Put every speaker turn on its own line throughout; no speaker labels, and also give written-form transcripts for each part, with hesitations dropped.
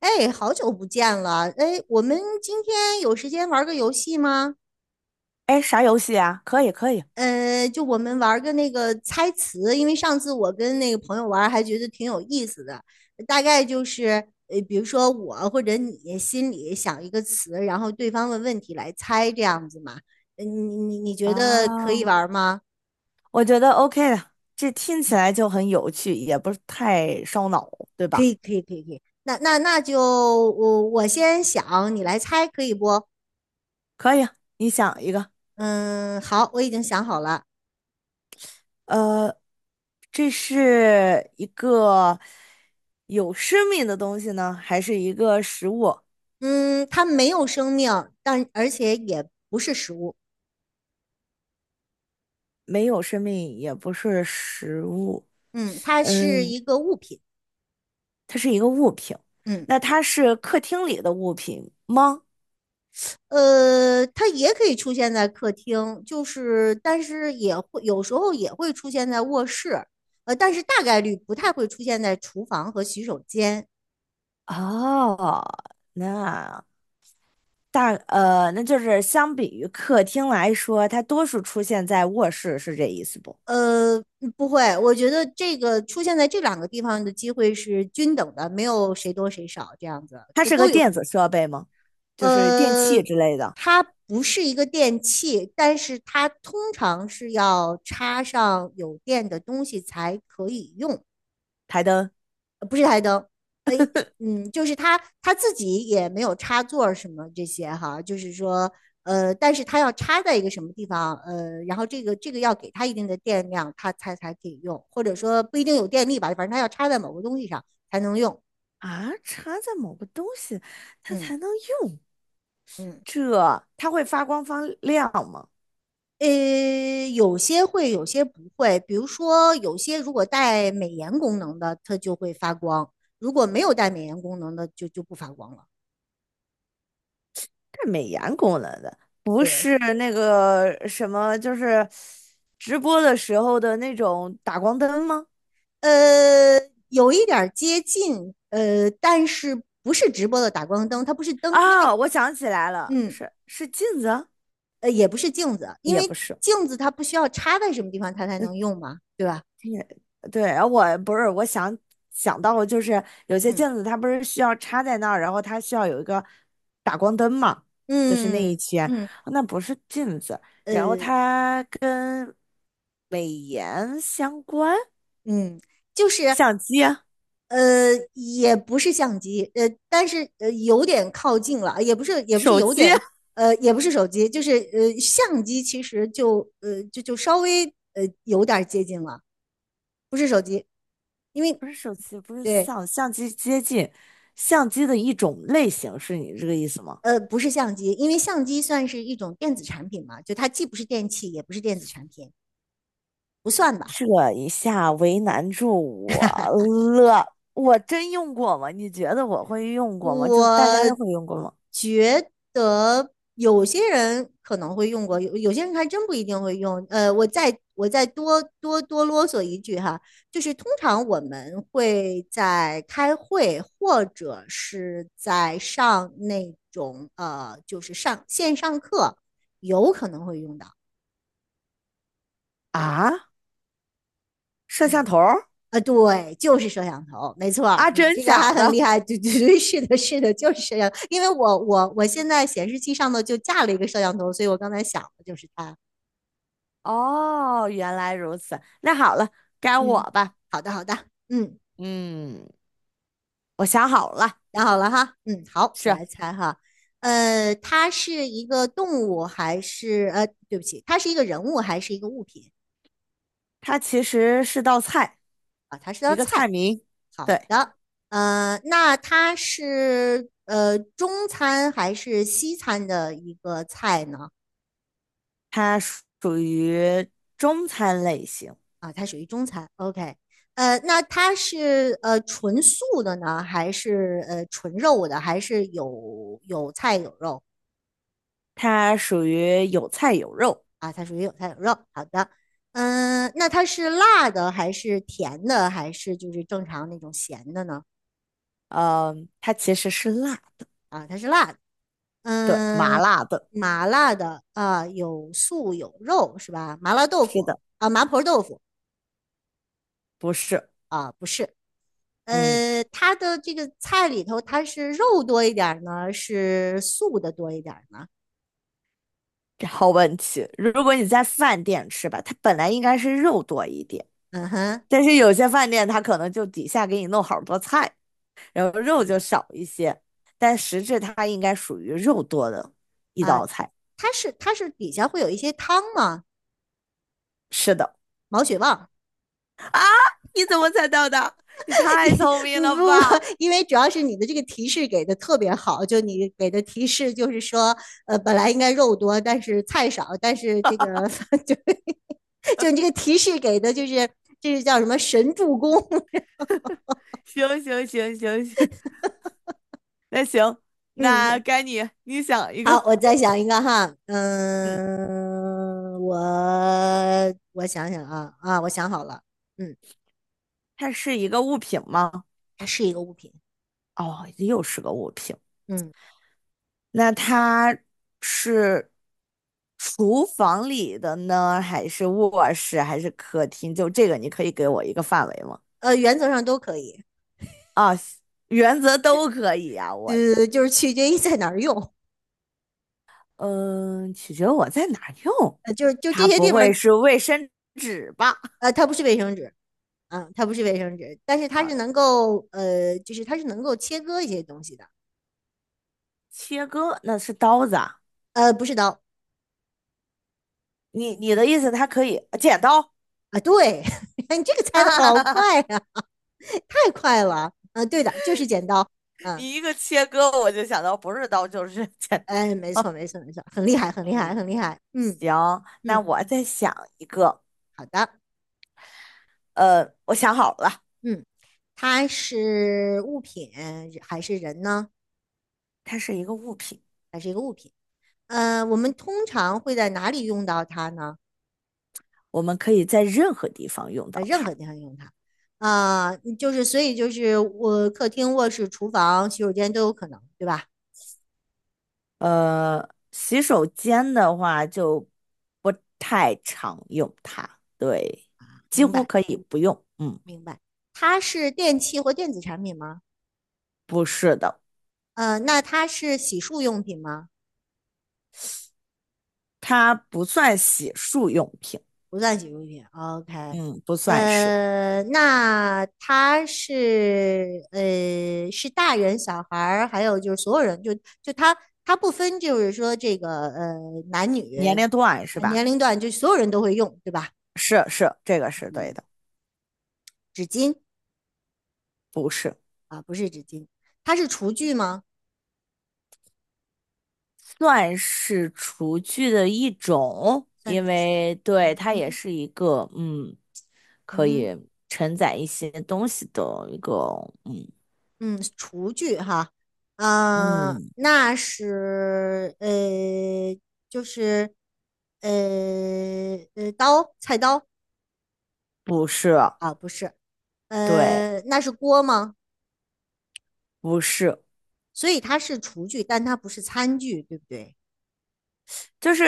哎，好久不见了！哎，我们今天有时间玩个游戏吗？
哎，啥游戏啊？可以，可以。
就我们玩个那个猜词，因为上次我跟那个朋友玩，还觉得挺有意思的。大概就是比如说我或者你心里想一个词，然后对方问问题来猜这样子嘛。呃你你觉得可以
啊，
玩吗？
我觉得 OK 的，这听起来就很有趣，也不是太烧脑，对
可
吧？
以，可以，可以，可以。那就我先想，你来猜，可以不？
可以啊，你想一个，
嗯，好，我已经想好了。
呃，这是一个有生命的东西呢，还是一个食物？
嗯，它没有生命，但而且也不是食物。
没有生命，也不是食物，
嗯，它是
嗯，
一个物品。
它是一个物品。
嗯，
那它是客厅里的物品吗？
它也可以出现在客厅，就是但是也会有时候也会出现在卧室，呃，但是大概率不太会出现在厨房和洗手间。
哦，那。那就是相比于客厅来说，它多数出现在卧室，是这意思不？
不会，我觉得这个出现在这两个地方的机会是均等的，没有谁多谁少这样子，
它
都
是
都
个
有可
电
能。
子设备吗？就是电
呃，
器之类的，
它不是一个电器，但是它通常是要插上有电的东西才可以用，
台灯
不是台灯，呃，就是它自己也没有插座儿什么这些哈，就是说，呃，但是它要插在一个什么地方，呃，然后这个要给它一定的电量，它才可以用，或者说不一定有电力吧，反正它要插在某个东西上才能用。
啊，插在某个东西，它
嗯
才能用。
嗯。
这它会发光发亮吗？
有些会，有些不会。比如说，有些如果带美颜功能的，它就会发光；如果没有带美颜功能的，就不发光了。
这美颜功能的，不
对，
是那个什么，就是直播的时候的那种打光灯吗？
呃，有一点儿接近，呃，但是不是直播的打光灯，它不是灯，因为，
啊，我想起来了，
嗯，
是镜子啊，
也不是镜子，因
也
为
不是。嗯
镜子它不需要插在什么地方它才能用嘛，对吧？
也，对，然后我不是，我想到了，就是有些
嗯
镜子它不是需要插在那儿，然后它需要有一个打光灯嘛，就是那一
嗯
圈，
嗯，
那不是镜子，然后
呃
它跟美颜相关，
嗯，就是。
相机、
也不是相机，但是有点靠近了，也不是
手
有
机。
点，也不是手机，就是相机其实就稍微有点接近了，不是手机，因 为
不是手机，不是
对
相，相机接近，相机的一种类型，是你这个意思吗？
不是相机，因为相机算是一种电子产品嘛，就它既不是电器，也不是电子产品，不算吧。
这一下为难住我了。我真用过吗？你觉得我会用过吗？就大家都
我
会用过吗？
觉得有些人可能会用过，有些人还真不一定会用。我再多啰嗦一句哈，就是通常我们会在开会或者是在上那种就是上线上课，有可能会用到。
啊，摄像
嗯。
头儿
啊，对，就是摄像头，没错儿，
啊，
你
真
这个还
假
很厉
的？
害，对对对，是的，是的，就是摄像，因为我现在显示器上头就架了一个摄像头，所以我刚才想的就是它。
哦，原来如此。那好了，该我
嗯，
吧。
好的，好的，嗯，
嗯，我想好了，
想好了哈，嗯，好，我
是
来猜哈，呃，它是一个动物还是呃，对不起，它是一个人物还是一个物品？
它其实是道菜，一个菜名。对，
那它是中餐还是西餐的一个菜呢？
它属于中餐类型，
啊，它属于中餐。OK，那它是纯素的呢，还是纯肉的，还是有菜有肉
它属于有菜有肉。
啊？它属于有菜有肉。好的，嗯、那它是辣的，还是甜的，还是就是正常那种咸的呢？
嗯，它其实是辣，对，麻
嗯、
辣的。
麻辣的啊、有素有肉是吧？麻辣豆
是
腐
的，
啊，麻婆豆腐
不是，
啊，不是。
嗯，
它的这个菜里头，它是肉多一点儿呢，是素的多一点儿呢？
好问题。如果你在饭店吃吧，它本来应该是肉多一点，
嗯哼。
但是有些饭店它可能就底下给你弄好多菜，然后肉就少一些，但实质它应该属于肉多的一
啊，
道菜。
它是底下会有一些汤吗？
是的，
毛血旺。
你怎么猜到的？你
因
太聪明了
不，
吧！
因为主要是你的这个提示给的特别好，就你给的提示就是说，呃，本来应该肉多，但是菜少，但是这个 就就你这个提示给的就是这是叫什么神助攻？
行行行行行行，那
嗯，
该你，你想一
好，
个。
我再想一个哈，
嗯，
嗯，我想想啊，我想好了，嗯，
它是一个物品吗？
它是一个物品，
哦，又是个物品。
嗯，
那它是厨房里的呢，还是卧室，还是客厅？就这个，你可以给我一个范围吗？
呃，原则上都可以。
啊，原则都可以啊。我，
呃，就是取决于 在哪儿用，
嗯、取决我在哪儿用。
呃，就是就这
它
些地
不会
方，
是卫生纸吧？
呃，它不是卫生纸，啊，它不是卫生纸，但是它是能够，呃，就是它是能够切割一些东西的，
切割那是刀子啊。
不是刀，
你的意思，它可以剪刀？
啊，对，你这个 猜
哈
的
哈
好
哈哈，
快呀、太快了，啊，对的，就是剪刀，嗯，
你一个切割，我就想到不是刀就是剪。
哎，没错，没错，没错，很厉害，很厉害，
嗯，
很厉害，嗯
行，那
嗯，
我再想一个。
好的，
我想好了，
嗯，它是物品还是人呢？
它是一个物品，
还是一个物品？我们通常会在哪里用到它呢？
我们可以在任何地方用
在
到
任
它。
何地方用它。啊、就是所以就是我客厅、卧室、厨房、洗手间都有可能，对吧？
洗手间的话就不太常用它，对，几
明
乎
白，
可以不用。嗯，
明白。它是电器或电子产品吗？
不是的，
那它是洗漱用品吗？
它不算洗漱用品，
不算洗漱品。哦 OK，
嗯，不算是。
那它是是大人、小孩儿，还有就是所有人，就就它它不分，就是说这个男女
年龄段是
年
吧？
龄段，就所有人都会用，对吧？
是是，这个是对
嗯，
的，
纸巾。
不是。
啊，不是纸巾，它是厨具吗？
算是厨具的一种，
算是
因
厨，
为对
嗯
它也
哼，
是一个嗯，可
嗯哼，
以承载一些东西的一个。嗯
嗯，厨具哈，嗯、
嗯，
那是就是呃刀，菜刀
不是，
啊，不是，
对，
那是锅吗？
不是，
所以它是厨具，但它不是餐具，对不对？
就是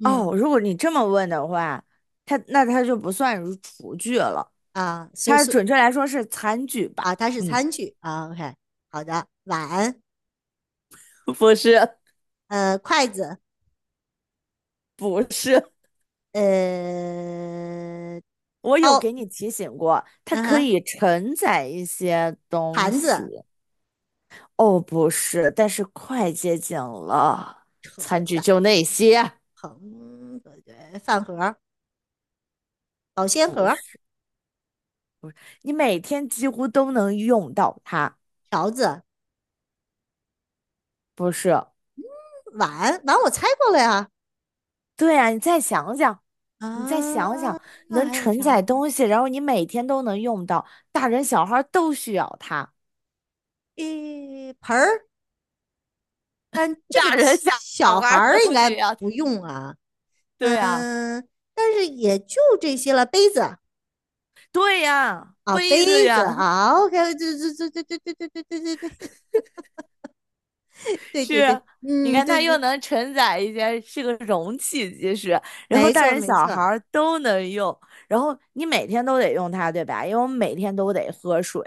嗯。
哦，如果你这么问的话，它那它就不算是厨具了，
啊，所以
它
所
准
以
确来说是餐具吧？
啊，它是
嗯，
餐具啊，OK，好的，碗，
不是，
筷子，
不是，
呃，
我有
刀，
给你提醒过，它
嗯
可
哼。
以承载一些东
盘
西。
子、
哦，不是，但是快接近了。
盛
餐具
仔、
就那些，
盆、饭盒、保鲜
不
盒、
是你每天几乎都能用到它。
勺子、
不是，
碗，碗我猜过了呀。
对啊，你再想想，你再想
啊，
想，
那
能
还有
承
啥
载
呢？
东西，然后你每天都能用到，大人小孩都需要它。
诶，盆儿，但 这个
大人小
小孩
孩
儿应
都
该
需要。
不用啊。
对呀
嗯，但是也就这些了。杯子
对呀，
啊，
杯子
杯子
呀，
啊，OK，对对对对对对对对对对对 对对
是，
对，
你
嗯，
看
对
它
对
又
对，
能承载一些，是个容器，其实，然后
没
大
错
人
没
小孩
错，
儿都能用，然后你每天都得用它，对吧？因为我们每天都得喝水，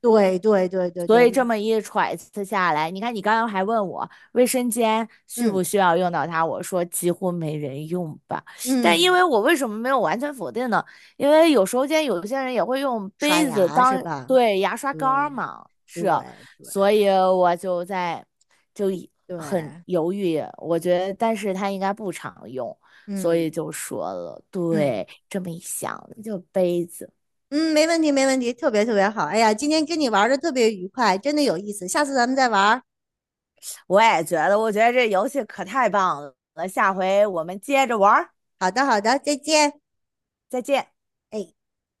对对对对
所
对，
以这么一揣测下来，你看你刚刚还问我卫生间需
嗯
不需要用到它，我说几乎没人用吧。但因
嗯，
为我为什么没有完全否定呢？因为有时候间有些人也会用
刷
杯子
牙是
当
吧？
对牙刷杆儿
对
嘛，
对
是，
对
所以我就一
对，
很犹豫。我觉得，但是它应该不常用，所以
嗯
就说了，
嗯
对，这么一想就杯子。
嗯，没问题，没问题，特别特别好。哎呀，今天跟你玩的特别愉快，真的有意思，下次咱们再玩儿。
我也觉得，我觉得这游戏可太棒了，下回我们接着玩儿，
好的，好的，再见。
再见。
哎。